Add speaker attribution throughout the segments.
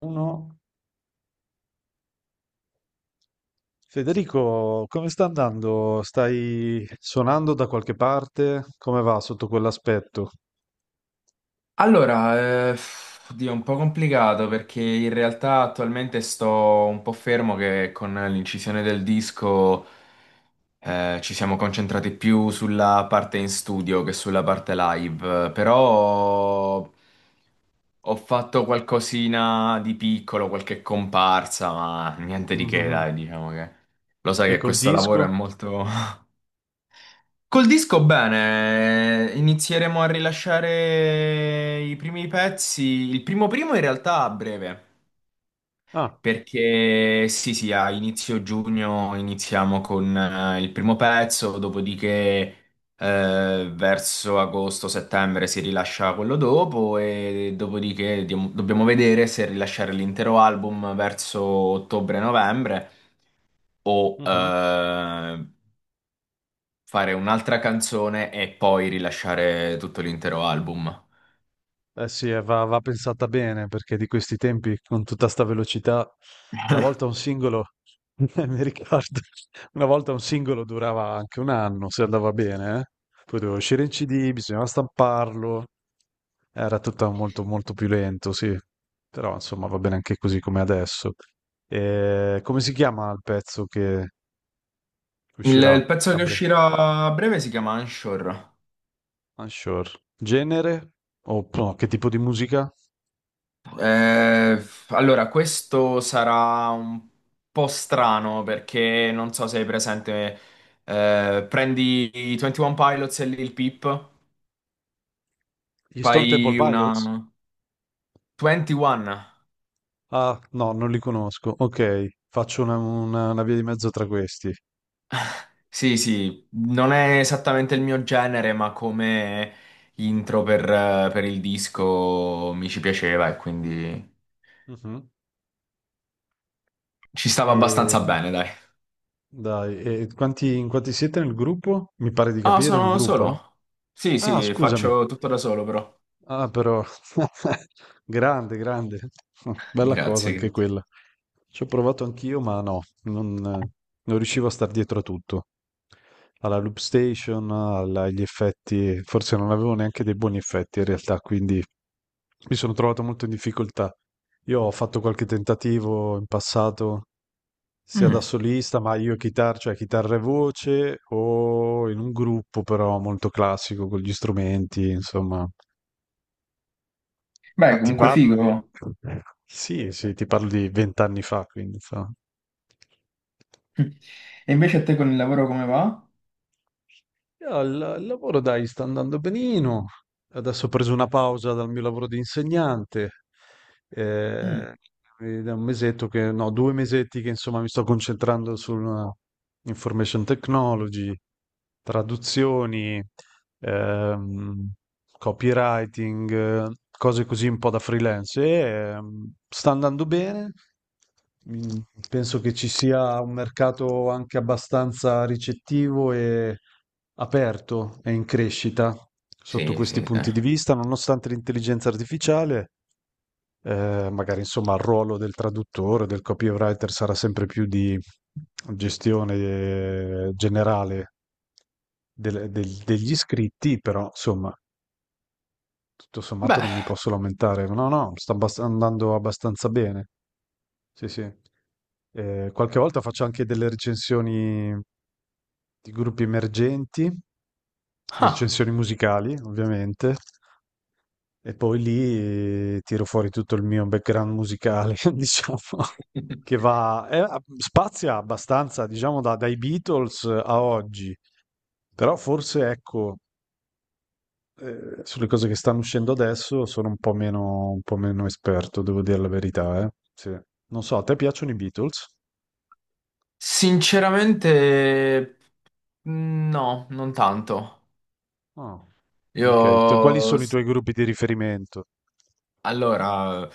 Speaker 1: Uno. Federico, come sta andando? Stai suonando da qualche parte? Come va sotto quell'aspetto?
Speaker 2: Allora, eh, oddio, è un po' complicato perché in realtà attualmente sto un po' fermo che con l'incisione del disco ci siamo concentrati più sulla parte in studio che sulla parte live, però ho fatto qualcosina di piccolo, qualche comparsa, ma niente di che,
Speaker 1: Mhm.
Speaker 2: dai, diciamo che lo sai
Speaker 1: E
Speaker 2: che
Speaker 1: col
Speaker 2: questo
Speaker 1: disco?
Speaker 2: lavoro è molto, Col disco bene, inizieremo a rilasciare i primi pezzi, il primo primo in realtà a breve,
Speaker 1: Ah,
Speaker 2: perché sì sì, a inizio giugno iniziamo con il primo pezzo, dopodiché verso agosto-settembre si rilascia quello dopo e dopodiché dobbiamo vedere se rilasciare l'intero album verso ottobre-novembre o
Speaker 1: mhm.
Speaker 2: fare un'altra canzone e poi rilasciare tutto l'intero album.
Speaker 1: Eh sì, va pensata bene perché di questi tempi con tutta sta velocità, una volta un singolo, mi ricordo, una volta un singolo durava anche un anno se andava bene, eh. Poi doveva uscire in CD, bisognava stamparlo, era tutto molto molto più lento, sì, però insomma va bene anche così come adesso. E come si chiama il pezzo che
Speaker 2: Il,
Speaker 1: uscirà
Speaker 2: il pezzo
Speaker 1: a
Speaker 2: che
Speaker 1: breve?
Speaker 2: uscirà a breve si chiama Unsure.
Speaker 1: Unsure. Genere? O no, che tipo di musica?
Speaker 2: Eh, allora, questo sarà un po' strano perché non so se hai presente. Prendi i 21 Pilots e Lil Peep,
Speaker 1: Gli Stone Temple
Speaker 2: fai
Speaker 1: Pilots?
Speaker 2: una 21.
Speaker 1: Ah, no, non li conosco. Ok, faccio una via di mezzo tra questi.
Speaker 2: Sì, sì, non è esattamente il mio genere, ma come intro per il disco mi ci piaceva e quindi.
Speaker 1: Mhm.
Speaker 2: Ci stava
Speaker 1: E,
Speaker 2: abbastanza bene, dai.
Speaker 1: dai, in quanti siete nel gruppo? Mi pare di
Speaker 2: Ah,
Speaker 1: capire, è un
Speaker 2: sono
Speaker 1: gruppo, no?
Speaker 2: solo. Sì,
Speaker 1: Ah,
Speaker 2: sì,
Speaker 1: scusami.
Speaker 2: faccio tutto da solo, però.
Speaker 1: Ah, però, grande, grande.
Speaker 2: Grazie,
Speaker 1: Bella cosa anche
Speaker 2: grazie.
Speaker 1: quella. Ci ho provato anch'io, ma no, non riuscivo a star dietro a tutto. Alla loop station, agli effetti, forse non avevo neanche dei buoni effetti in realtà, quindi mi sono trovato molto in difficoltà. Io ho fatto qualche tentativo in passato, sia da
Speaker 2: Mm.
Speaker 1: solista, ma io chitarra, cioè chitarra e voce, o in un gruppo però molto classico con gli strumenti, insomma. Ma
Speaker 2: Beh,
Speaker 1: ti
Speaker 2: comunque
Speaker 1: parlo di...
Speaker 2: figo.
Speaker 1: Sì, sì, ti parlo di 20 anni fa, quindi insomma.
Speaker 2: E invece a te con il lavoro come va?
Speaker 1: Io al il lavoro, dai, sta andando benino. Adesso ho preso una pausa dal mio lavoro di insegnante.
Speaker 2: Mm.
Speaker 1: eh, ed è un mesetto che, no, 2 mesetti che insomma mi sto concentrando sulla information technology, traduzioni, ehm, copywriting, cose così un po' da freelance. E sta andando bene. Mm, Penso che ci sia un mercato anche abbastanza ricettivo e aperto e in crescita sotto
Speaker 2: Sì,
Speaker 1: questi
Speaker 2: sì, sì.
Speaker 1: punti di vista, nonostante l'intelligenza artificiale, magari insomma il ruolo del traduttore, del copywriter sarà sempre più di gestione generale degli iscritti, però insomma tutto sommato
Speaker 2: Beh,
Speaker 1: non mi posso lamentare. No, no, sta andando abbastanza bene. Sì, sì. Qualche volta faccio anche delle recensioni di gruppi emergenti,
Speaker 2: ah,
Speaker 1: recensioni musicali, ovviamente, e poi lì tiro fuori tutto il mio background musicale, diciamo, che va, spazia abbastanza, diciamo, dai Beatles a oggi. Però forse, ecco, sulle cose che stanno uscendo adesso sono un po' meno esperto, devo dire la verità, eh. Sì. Non so, a te piacciono i Beatles?
Speaker 2: sinceramente, mm, no, non tanto.
Speaker 1: No. Ok, quali
Speaker 2: Io,
Speaker 1: sono i
Speaker 2: s-
Speaker 1: tuoi gruppi di riferimento?
Speaker 2: allora.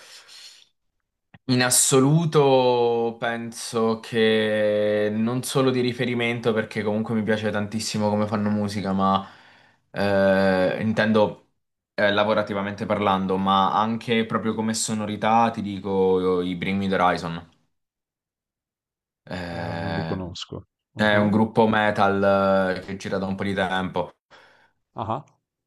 Speaker 2: In assoluto penso che non solo di riferimento, perché comunque mi piace tantissimo come fanno musica, ma intendo lavorativamente parlando, ma anche proprio come sonorità ti dico i Bring Me the Horizon.
Speaker 1: Non li
Speaker 2: Eh,
Speaker 1: conosco.
Speaker 2: è un
Speaker 1: Mhm.
Speaker 2: gruppo metal che gira da un po' di tempo.
Speaker 1: Ah,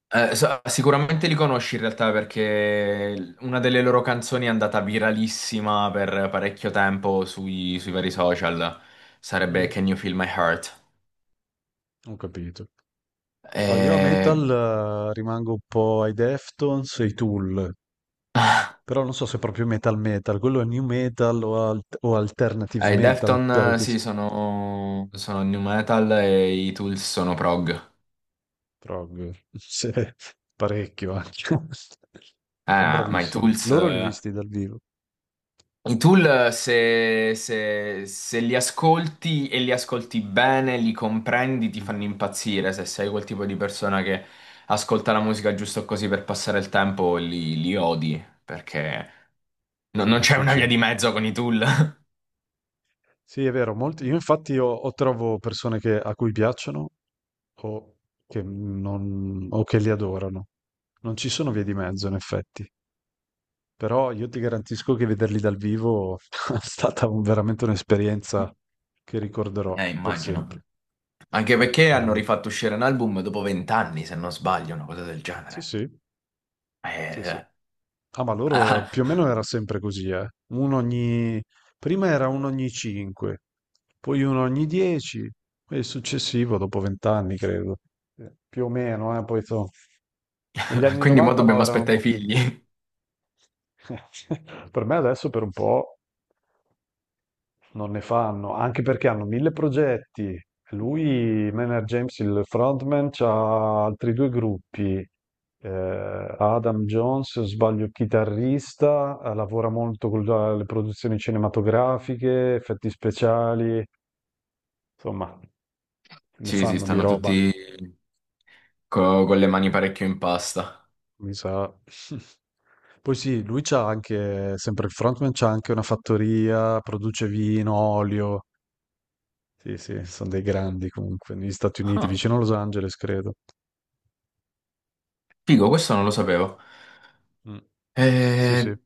Speaker 2: Sicuramente li conosci in realtà perché una delle loro canzoni è andata viralissima per parecchio tempo sui vari social. Sarebbe
Speaker 1: mm,
Speaker 2: Can You Feel My Heart?
Speaker 1: ho capito. No, io a
Speaker 2: E,
Speaker 1: metal rimango un po' ai Deftones e ai Tool, però non so se è proprio metal metal, quello è new metal o alternative
Speaker 2: e i
Speaker 1: metal,
Speaker 2: Defton,
Speaker 1: però che si-
Speaker 2: sì, sono new metal e i Tools sono prog.
Speaker 1: Prog, sì, parecchio anche. Son
Speaker 2: Ma i
Speaker 1: bravissimi.
Speaker 2: Tools.
Speaker 1: Loro li ho visti dal vivo.
Speaker 2: I tool, se li ascolti e li ascolti bene, li comprendi, ti
Speaker 1: Mh-mh.
Speaker 2: fanno impazzire. Se sei quel tipo di persona che ascolta la musica giusto così per passare il tempo, li odi, perché non
Speaker 1: Son
Speaker 2: non c'è una via di
Speaker 1: difficili.
Speaker 2: mezzo con i tool.
Speaker 1: Sì, è vero, molti io infatti o trovo persone che a cui piacciono o che non o che li adorano. Non ci sono vie di mezzo in effetti, però io ti garantisco che vederli dal vivo è stata un veramente un'esperienza che ricorderò per
Speaker 2: Immagino.
Speaker 1: sempre.
Speaker 2: Anche
Speaker 1: Sì,
Speaker 2: perché hanno
Speaker 1: veramente.
Speaker 2: rifatto uscire un album dopo vent'anni, se non sbaglio, una cosa del
Speaker 1: Sì,
Speaker 2: genere.
Speaker 1: sì. Sì, sì.
Speaker 2: Eh.
Speaker 1: Ah, ma loro
Speaker 2: Ah,
Speaker 1: più o meno era sempre così, eh. Uno ogni... Prima era uno ogni 5, poi uno ogni 10 e il successivo dopo 20 anni, credo. Più o meno, eh. Poi so. Negli anni
Speaker 2: quindi mo
Speaker 1: 90 no,
Speaker 2: dobbiamo
Speaker 1: erano un
Speaker 2: aspettare
Speaker 1: po'
Speaker 2: i
Speaker 1: più...
Speaker 2: figli.
Speaker 1: Per me adesso per un po' non ne fanno, anche perché hanno mille progetti. Lui, Maynard James, il frontman, c'ha altri due gruppi. Adam Jones, se non sbaglio, chitarrista, lavora molto con le produzioni cinematografiche, effetti speciali, insomma, ne
Speaker 2: Sì, sì,
Speaker 1: fanno di
Speaker 2: stanno
Speaker 1: roba,
Speaker 2: tutti con le mani parecchio in pasta.
Speaker 1: mi sa. Poi sì, lui c'ha anche, sempre il frontman, c'ha anche una fattoria, produce vino, olio. Sì, sì, sono dei grandi comunque, negli Stati Uniti,
Speaker 2: Ah,
Speaker 1: vicino a Los Angeles, credo.
Speaker 2: figo, questo non lo sapevo.
Speaker 1: Mh. Sì, sì.
Speaker 2: Eh,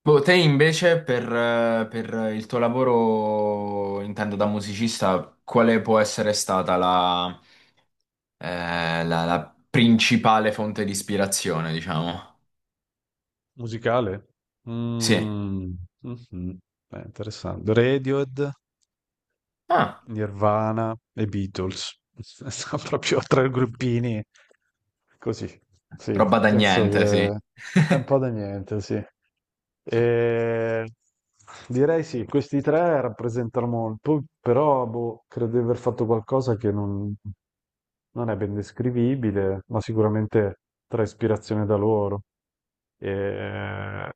Speaker 2: Boh, te invece per il tuo lavoro, intendo da musicista, quale può essere stata la principale fonte di ispirazione, diciamo?
Speaker 1: Musicale?
Speaker 2: Sì.
Speaker 1: Mh. Mh-mh. Beh, interessante. Radiohead,
Speaker 2: Ah,
Speaker 1: Nirvana e Beatles. Sono proprio 3 gruppini così. Sì,
Speaker 2: roba da
Speaker 1: penso
Speaker 2: niente, sì.
Speaker 1: che è un po' da niente, sì. Ehm, direi sì, questi 3 rappresentano molto, però boh, credo di aver fatto qualcosa che non è ben descrivibile, ma sicuramente trae ispirazione da loro. Eh,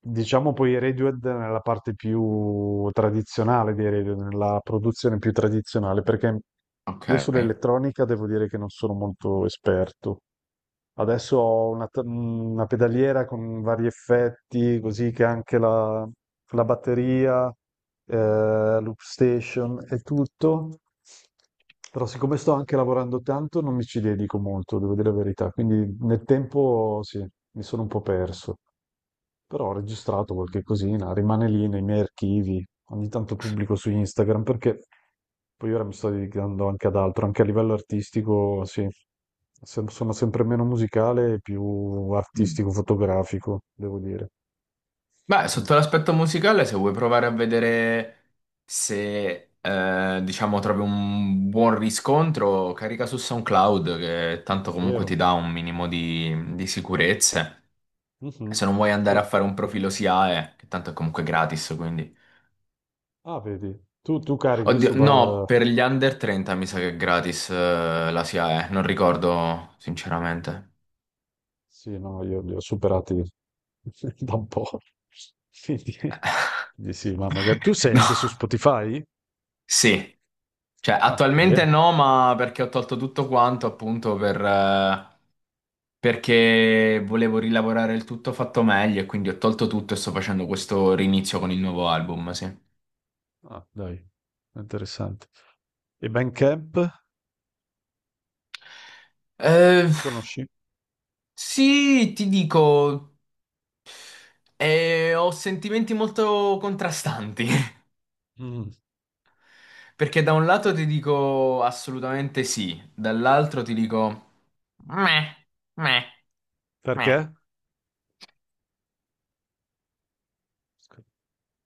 Speaker 1: diciamo poi i Radiohead nella parte più tradizionale dei Radiohead, nella produzione più tradizionale, perché
Speaker 2: Ok.
Speaker 1: io sull'elettronica devo dire che non sono molto esperto. Adesso ho una pedaliera con vari effetti, così che anche la batteria, eh, loop station e tutto. Però siccome sto anche lavorando tanto, non mi ci dedico molto, devo dire la verità. Quindi nel tempo sì, mi sono un po' perso. Però ho registrato qualche cosina, rimane lì nei miei archivi, ogni tanto pubblico su Instagram perché poi ora mi sto dedicando anche ad altro, anche a livello artistico, sì, sono sempre meno musicale e più
Speaker 2: Mm.
Speaker 1: artistico-fotografico, devo dire.
Speaker 2: Beh,
Speaker 1: Mm.
Speaker 2: sotto l'aspetto musicale, se vuoi provare a vedere se, diciamo, trovi un buon riscontro, carica su SoundCloud, che tanto comunque
Speaker 1: Vero?
Speaker 2: ti dà un minimo di sicurezze. Se
Speaker 1: Mhm.
Speaker 2: non vuoi andare a
Speaker 1: Quel-
Speaker 2: fare un profilo SIAE, che tanto è comunque gratis, quindi...
Speaker 1: Ah, vedi, tu carichi
Speaker 2: Oddio,
Speaker 1: su...
Speaker 2: no,
Speaker 1: Ba-
Speaker 2: per gli under 30 mi sa che è gratis, la SIAE, non
Speaker 1: no.
Speaker 2: ricordo sinceramente.
Speaker 1: Sì, no, io li ho superati da un po'. Quindi- Quindi sì, ma magari... Tu sei anche su
Speaker 2: No,
Speaker 1: Spotify?
Speaker 2: sì, cioè
Speaker 1: Ah,
Speaker 2: attualmente
Speaker 1: bene.
Speaker 2: no, ma perché ho tolto tutto quanto appunto per... perché volevo rilavorare il tutto fatto meglio e quindi ho tolto tutto e sto facendo questo rinizio con il nuovo album, sì.
Speaker 1: Ah, dai, interessante. E Bandcamp?
Speaker 2: Eh,
Speaker 1: Conosci?
Speaker 2: sì, ti dico, ho sentimenti molto contrastanti,
Speaker 1: Mm.
Speaker 2: perché da un lato ti dico assolutamente sì, dall'altro ti dico meh, meh, meh.
Speaker 1: Perché?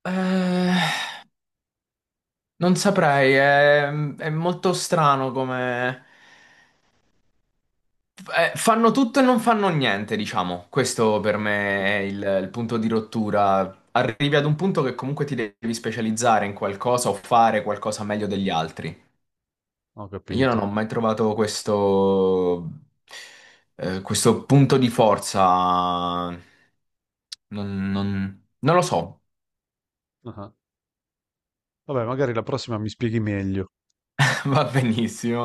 Speaker 2: Eh, Non saprei, è molto strano come... Fanno tutto e non fanno niente, diciamo. Questo per me è il punto di rottura. Arrivi ad un punto che comunque ti devi specializzare in qualcosa o fare qualcosa meglio degli altri.
Speaker 1: Ho
Speaker 2: E io non ho
Speaker 1: capito.
Speaker 2: mai trovato questo, questo punto di forza. Non lo so,
Speaker 1: Ah. Vabbè, magari la prossima mi spieghi meglio.
Speaker 2: va benissimo.